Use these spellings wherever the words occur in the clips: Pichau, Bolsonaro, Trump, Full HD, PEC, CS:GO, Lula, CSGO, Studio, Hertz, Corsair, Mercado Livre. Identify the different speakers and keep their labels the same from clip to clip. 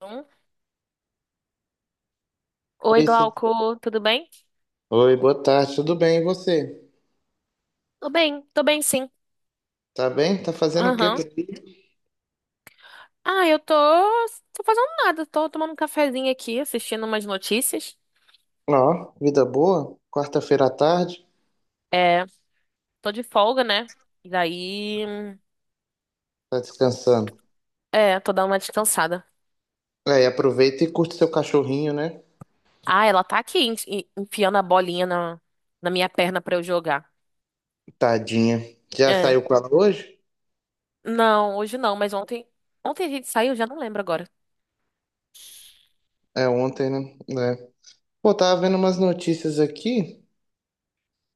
Speaker 1: Um. Oi,
Speaker 2: Larissa.
Speaker 1: Glauco, tudo bem?
Speaker 2: Oi, boa tarde, tudo bem? E você?
Speaker 1: Tô bem, tô bem sim.
Speaker 2: Tá bem? Tá fazendo o quê por
Speaker 1: Aham.
Speaker 2: aqui?
Speaker 1: Eu tô fazendo nada, tô tomando um cafezinho aqui, assistindo umas notícias.
Speaker 2: Ó, vida boa? Quarta-feira à tarde?
Speaker 1: É, tô de folga, né? E daí,
Speaker 2: Tá descansando?
Speaker 1: é, tô dando uma descansada.
Speaker 2: Aí, aproveita e curte seu cachorrinho, né?
Speaker 1: Ah, ela tá aqui enfiando a bolinha na minha perna pra eu jogar.
Speaker 2: Tadinha. Já
Speaker 1: É.
Speaker 2: saiu com ela hoje?
Speaker 1: Não, hoje não, mas ontem a gente saiu, já não lembro agora.
Speaker 2: É ontem, né? É. Pô, tava vendo umas notícias aqui.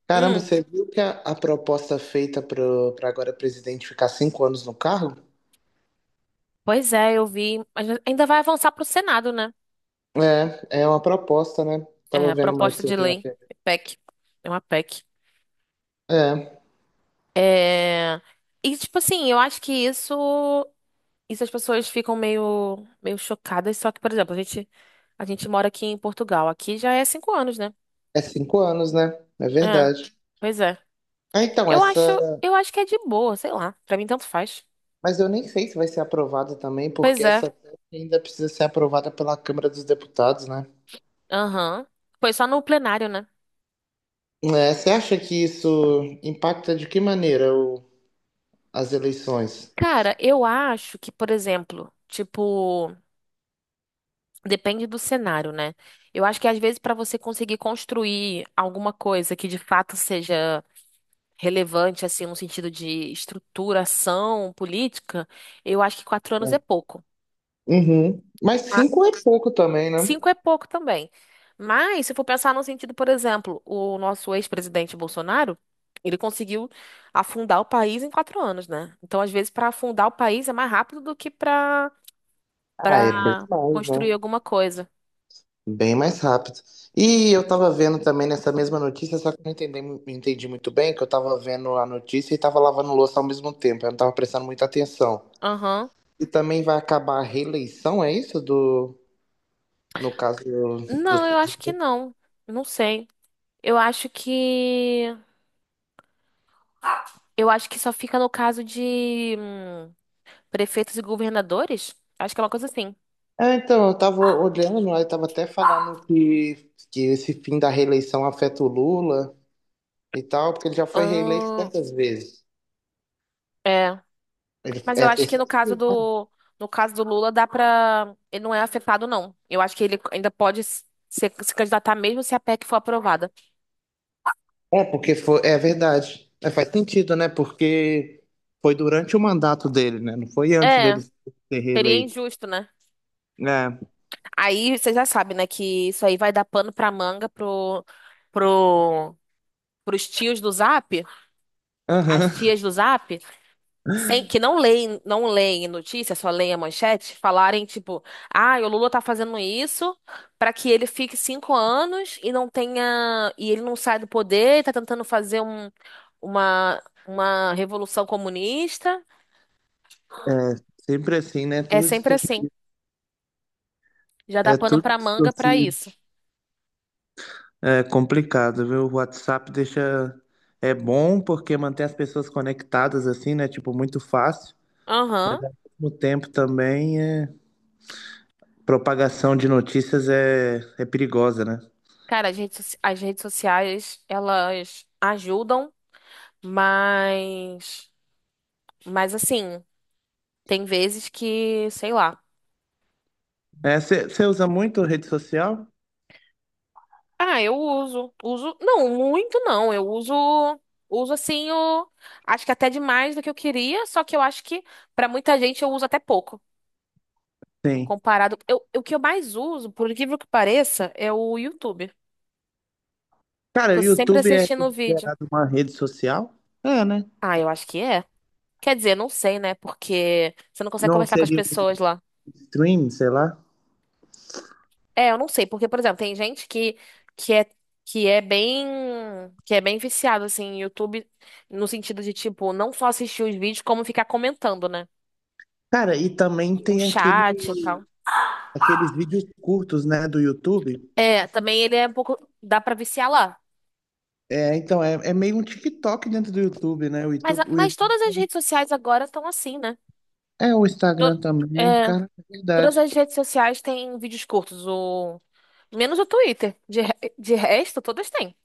Speaker 2: Caramba,
Speaker 1: Hum,
Speaker 2: você viu que a proposta feita pra agora presidente ficar cinco anos no cargo?
Speaker 1: pois é, eu vi, mas ainda vai avançar pro Senado, né?
Speaker 2: É uma proposta, né? Tava
Speaker 1: É,
Speaker 2: vendo mais
Speaker 1: proposta de
Speaker 2: cedo na
Speaker 1: lei,
Speaker 2: TV.
Speaker 1: PEC. É uma PEC.
Speaker 2: É,
Speaker 1: É... E, tipo assim, eu acho que isso as pessoas ficam meio chocadas. Só que, por exemplo, a gente mora aqui em Portugal. Aqui já é cinco anos, né?
Speaker 2: é cinco anos, né? É
Speaker 1: É,
Speaker 2: verdade.
Speaker 1: pois é.
Speaker 2: Ah, então,
Speaker 1: Eu
Speaker 2: essa.
Speaker 1: acho, eu acho que é de boa, sei lá. Pra mim, tanto faz.
Speaker 2: Mas eu nem sei se vai ser aprovado também, porque
Speaker 1: Pois é.
Speaker 2: essa PEC ainda precisa ser aprovada pela Câmara dos Deputados, né?
Speaker 1: Aham. Foi só no plenário, né?
Speaker 2: É, você acha que isso impacta de que maneira o- as eleições?
Speaker 1: Cara, eu acho que, por exemplo, tipo, depende do cenário, né? Eu acho que às vezes pra você conseguir construir alguma coisa que de fato seja relevante, assim, no sentido de estruturação política, eu acho que quatro anos é pouco.
Speaker 2: Uhum. Mas
Speaker 1: Ma-
Speaker 2: cinco é pouco também, né?
Speaker 1: Cinco é pouco também. Mas, se for pensar no sentido, por exemplo, o nosso ex-presidente Bolsonaro, ele conseguiu afundar o país em quatro anos, né? Então, às vezes, para afundar o país é mais rápido do que
Speaker 2: Ah, é bem
Speaker 1: para
Speaker 2: mais, né?
Speaker 1: construir alguma coisa.
Speaker 2: Bem mais rápido. E eu tava vendo também nessa mesma notícia, só que eu não entendi, muito bem, que eu tava vendo a notícia e tava lavando louça ao mesmo tempo, eu não tava prestando muita atenção.
Speaker 1: Aham.
Speaker 2: E também vai acabar a reeleição, é isso? No caso dos
Speaker 1: Não, eu acho que não. Não sei. Eu acho que. Eu acho que só fica no caso de. Prefeitos e governadores? Acho que é uma coisa assim.
Speaker 2: é, então, eu estava olhando, aí estava até falando que esse fim da reeleição afeta o Lula e tal, porque ele já foi reeleito
Speaker 1: Ahn,
Speaker 2: quantas vezes?
Speaker 1: é.
Speaker 2: Ele-
Speaker 1: Mas
Speaker 2: é
Speaker 1: eu
Speaker 2: a
Speaker 1: acho que
Speaker 2: terceira vez, né?
Speaker 1: no caso do Lula dá pra. Ele não é afetado, não. Eu acho que ele ainda pode se candidatar mesmo se a PEC for aprovada.
Speaker 2: É, porque foi, é verdade. É, faz sentido, né? Porque foi durante o mandato dele, né? Não foi antes
Speaker 1: É,
Speaker 2: dele ser
Speaker 1: seria
Speaker 2: reeleito.
Speaker 1: injusto, né?
Speaker 2: É,
Speaker 1: Aí você já sabe, né, que isso aí vai dar pano pra manga pro, pros tios do Zap, as
Speaker 2: aham.
Speaker 1: tias do Zap. Que não leem, não leem notícia, só leem a manchete, falarem tipo, ah, o Lula tá fazendo isso pra que ele fique cinco anos e não tenha, e ele não saia do poder, e tá tentando fazer uma, uma revolução comunista.
Speaker 2: É, sempre assim, né?
Speaker 1: É
Speaker 2: Tudo
Speaker 1: sempre
Speaker 2: distor-
Speaker 1: assim. Já dá
Speaker 2: é
Speaker 1: pano
Speaker 2: tudo
Speaker 1: pra manga pra
Speaker 2: distorcido.
Speaker 1: isso.
Speaker 2: É complicado, viu? O WhatsApp deixa. É bom porque mantém as pessoas conectadas assim, né? Tipo, muito fácil.
Speaker 1: Aham.
Speaker 2: O tempo também é. Propagação de notícias é perigosa, né?
Speaker 1: Cara, as redes sociais, elas ajudam, mas, mas assim, tem vezes que, sei lá.
Speaker 2: É, você usa muito rede social?
Speaker 1: Ah, eu uso. Uso, não, muito não. Uso assim acho que até demais do que eu queria, só que eu acho que pra muita gente eu uso até pouco,
Speaker 2: Sim.
Speaker 1: comparado. Eu, o que eu mais uso, por incrível que pareça, é o YouTube.
Speaker 2: Cara, o
Speaker 1: Tô sempre
Speaker 2: YouTube é
Speaker 1: assistindo o vídeo.
Speaker 2: considerado uma rede social? É, né?
Speaker 1: Ah, eu acho que é. Quer dizer, não sei, né? Porque você não consegue
Speaker 2: Não
Speaker 1: conversar com as
Speaker 2: seria um
Speaker 1: pessoas lá.
Speaker 2: stream, sei lá.
Speaker 1: É, eu não sei, porque, por exemplo, tem gente que é, que é bem, que é bem viciado, assim, em YouTube, no sentido de, tipo, não só assistir os vídeos, como ficar comentando, né?
Speaker 2: Cara, e também
Speaker 1: Um
Speaker 2: tem
Speaker 1: chat e
Speaker 2: aquele,
Speaker 1: tal.
Speaker 2: aqueles vídeos curtos, né, do YouTube.
Speaker 1: É, também ele é um pouco, dá pra viciar lá.
Speaker 2: É, então, é, é meio um TikTok dentro do YouTube, né? O
Speaker 1: Mas,
Speaker 2: YouTube,
Speaker 1: mas todas as redes sociais agora estão assim, né?
Speaker 2: É o
Speaker 1: To-
Speaker 2: Instagram também,
Speaker 1: é,
Speaker 2: cara, é
Speaker 1: Todas
Speaker 2: verdade.
Speaker 1: as redes sociais têm vídeos curtos, menos o Twitter. De resto, todas têm.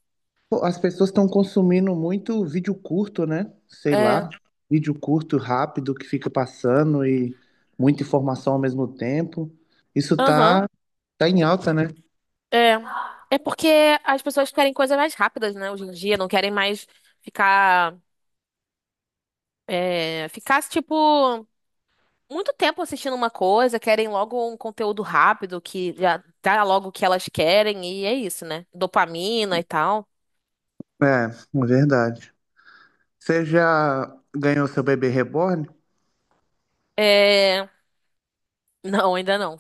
Speaker 2: Pô, as pessoas estão consumindo muito vídeo curto, né? Sei lá,
Speaker 1: É,
Speaker 2: vídeo curto, rápido, que fica passando e muita informação ao mesmo tempo. Isso
Speaker 1: aham.
Speaker 2: tá em alta, né?
Speaker 1: É. É porque as pessoas querem coisas mais rápidas, né, hoje em dia, não querem mais ficar, ficar, tipo, muito tempo assistindo uma coisa, querem logo um conteúdo rápido que já dá logo o que elas querem, e é isso, né? Dopamina e tal.
Speaker 2: É verdade. Você já ganhou seu bebê reborn?
Speaker 1: É. Não, ainda não.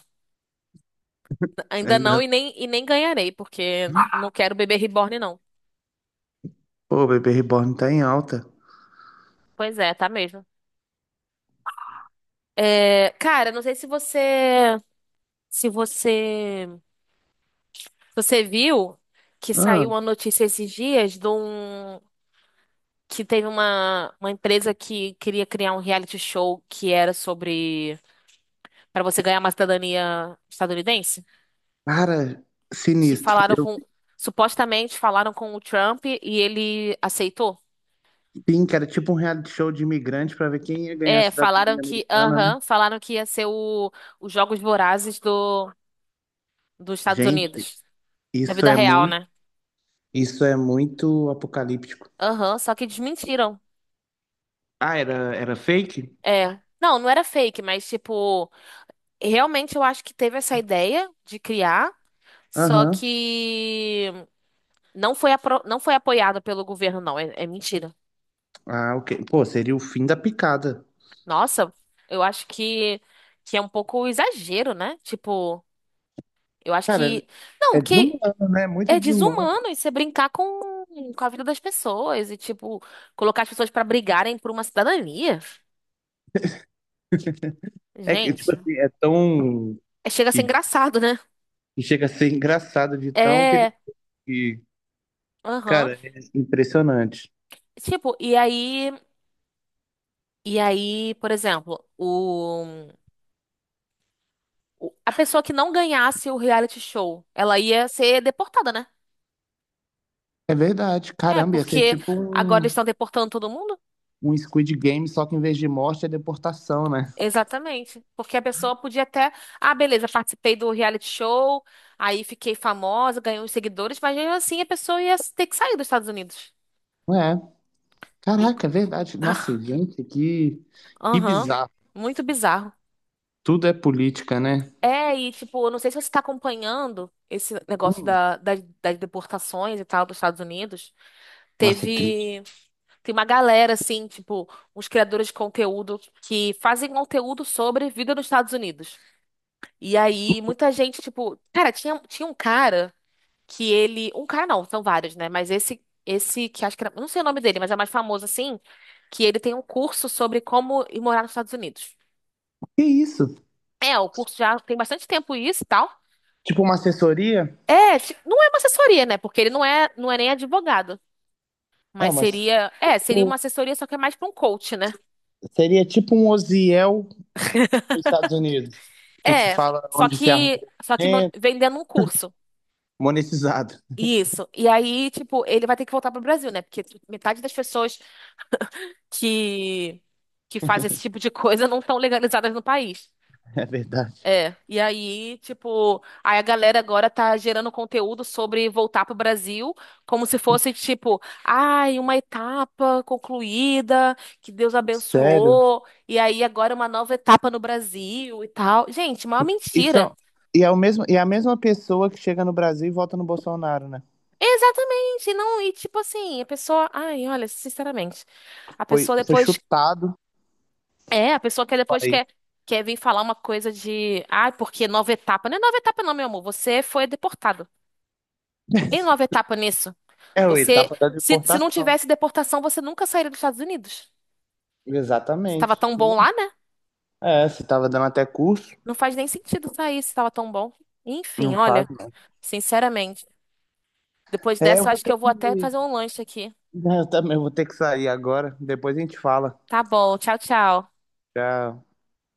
Speaker 1: Ainda não
Speaker 2: Ainda.
Speaker 1: e nem, e nem ganharei, porque não quero bebê reborn, não.
Speaker 2: Pô, o bebê reborn tá em alta.
Speaker 1: Pois é, tá mesmo. É, cara, não sei se você. Se você. Você viu que
Speaker 2: Ah,
Speaker 1: saiu uma notícia esses dias de um que teve uma empresa que queria criar um reality show que era sobre para você ganhar uma cidadania estadunidense?
Speaker 2: cara,
Speaker 1: Que
Speaker 2: sinistro.
Speaker 1: falaram
Speaker 2: Eu
Speaker 1: com Supostamente falaram com o Trump e ele aceitou?
Speaker 2: sim, que era tipo um reality show de imigrante pra ver quem ia ganhar a
Speaker 1: É,
Speaker 2: cidadania americana, né?
Speaker 1: falaram que ia ser os Jogos Vorazes do dos Estados
Speaker 2: Gente,
Speaker 1: Unidos, da
Speaker 2: isso
Speaker 1: vida
Speaker 2: é
Speaker 1: real,
Speaker 2: muito,
Speaker 1: né?
Speaker 2: isso é muito apocalíptico.
Speaker 1: Aham, só que desmentiram.
Speaker 2: Ah, era fake?
Speaker 1: É. Não, não era fake, mas tipo realmente eu acho que teve essa ideia de criar, só
Speaker 2: Aham.
Speaker 1: que não foi apoiada pelo governo, não. É, é mentira.
Speaker 2: Ah, ok. Pô, seria o fim da picada.
Speaker 1: Nossa, eu acho que é um pouco exagero, né? Tipo, eu acho
Speaker 2: Cara,
Speaker 1: que. Não,
Speaker 2: é
Speaker 1: porque
Speaker 2: desumano, né? Muito
Speaker 1: é
Speaker 2: desumano.
Speaker 1: desumano você brincar com a vida das pessoas e, tipo, colocar as pessoas pra brigarem por uma cidadania.
Speaker 2: É que, tipo
Speaker 1: Gente,
Speaker 2: assim, é tão.
Speaker 1: chega a ser
Speaker 2: E,
Speaker 1: engraçado, né?
Speaker 2: e chega a ser engraçado de tão
Speaker 1: É.
Speaker 2: perigoso.
Speaker 1: Aham.
Speaker 2: Cara, é impressionante.
Speaker 1: Tipo, e aí. E aí, por exemplo, o. A pessoa que não ganhasse o reality show, ela ia ser deportada, né?
Speaker 2: É verdade.
Speaker 1: É,
Speaker 2: Caramba, ia ser
Speaker 1: porque
Speaker 2: tipo
Speaker 1: agora eles
Speaker 2: um,
Speaker 1: estão deportando todo mundo?
Speaker 2: um Squid Game, só que em vez de morte é deportação, né?
Speaker 1: Exatamente. Porque a pessoa podia até, ah, beleza, participei do reality show, aí fiquei famosa, ganhei uns seguidores, mas mesmo assim a pessoa ia ter que sair dos Estados Unidos.
Speaker 2: É.
Speaker 1: E...
Speaker 2: Caraca, é verdade. Nossa, gente, que,
Speaker 1: Aham,
Speaker 2: bizarro.
Speaker 1: muito bizarro.
Speaker 2: Tudo é política, né?
Speaker 1: É, e tipo, eu não sei se você tá acompanhando esse negócio
Speaker 2: Hum,
Speaker 1: das deportações e tal dos Estados Unidos.
Speaker 2: nossa, é triste.
Speaker 1: Teve. Tem uma galera, assim, tipo, uns criadores de conteúdo que fazem conteúdo sobre vida nos Estados Unidos. E aí, muita gente, tipo, cara, tinha um cara que ele. Um cara não, são vários, né? Mas esse que acho que era. Não sei o nome dele, mas é mais famoso, assim, que ele tem um curso sobre como ir morar nos Estados Unidos.
Speaker 2: Que isso?
Speaker 1: É, o curso já tem bastante tempo isso e tal.
Speaker 2: Tipo uma assessoria?
Speaker 1: Não é uma assessoria, né? Porque ele não é, não é nem advogado.
Speaker 2: É,
Speaker 1: Mas
Speaker 2: mas
Speaker 1: seria. É, seria
Speaker 2: tipo,
Speaker 1: uma assessoria, só que é mais pra um coach, né?
Speaker 2: seria tipo um Oziel dos Estados Unidos, que te
Speaker 1: É,
Speaker 2: fala onde se arruma
Speaker 1: só que
Speaker 2: documento,
Speaker 1: vendendo um curso.
Speaker 2: monetizado.
Speaker 1: Isso. E aí, tipo, ele vai ter que voltar pro Brasil, né? Porque metade das pessoas que que fazem esse tipo de coisa não estão legalizadas no país.
Speaker 2: É verdade.
Speaker 1: É. E aí, tipo, aí a galera agora tá gerando conteúdo sobre voltar pro Brasil, como se fosse tipo, ai, uma etapa concluída, que Deus
Speaker 2: Sério?
Speaker 1: abençoou, e aí agora uma nova etapa no Brasil e tal. Gente, uma
Speaker 2: E,
Speaker 1: mentira.
Speaker 2: são, e, é o mesmo, e é a mesma pessoa que chega no Brasil e vota no Bolsonaro, né?
Speaker 1: Exatamente, não, e tipo assim, a pessoa, ai, olha, sinceramente, a
Speaker 2: Foi,
Speaker 1: pessoa
Speaker 2: foi
Speaker 1: depois,
Speaker 2: chutado do
Speaker 1: a pessoa que depois
Speaker 2: país.
Speaker 1: quer vir falar uma coisa de, ai, porque nova etapa, não é nova etapa não, meu amor, você foi deportado. E nova etapa nisso?
Speaker 2: É o
Speaker 1: Você,
Speaker 2: etapa da
Speaker 1: se não
Speaker 2: deportação.
Speaker 1: tivesse deportação, você nunca sairia dos Estados Unidos. Estava
Speaker 2: Exatamente.
Speaker 1: tão bom lá, né?
Speaker 2: É, você tava dando até curso,
Speaker 1: Não faz nem sentido sair se estava tão bom. Enfim,
Speaker 2: não faz,
Speaker 1: olha,
Speaker 2: não.
Speaker 1: sinceramente, depois
Speaker 2: É, eu
Speaker 1: dessa, eu
Speaker 2: vou
Speaker 1: acho que
Speaker 2: ter
Speaker 1: eu vou
Speaker 2: que.
Speaker 1: até fazer um lanche aqui.
Speaker 2: Eu também vou ter que sair agora. Depois a gente fala.
Speaker 1: Tá bom, tchau, tchau.
Speaker 2: Já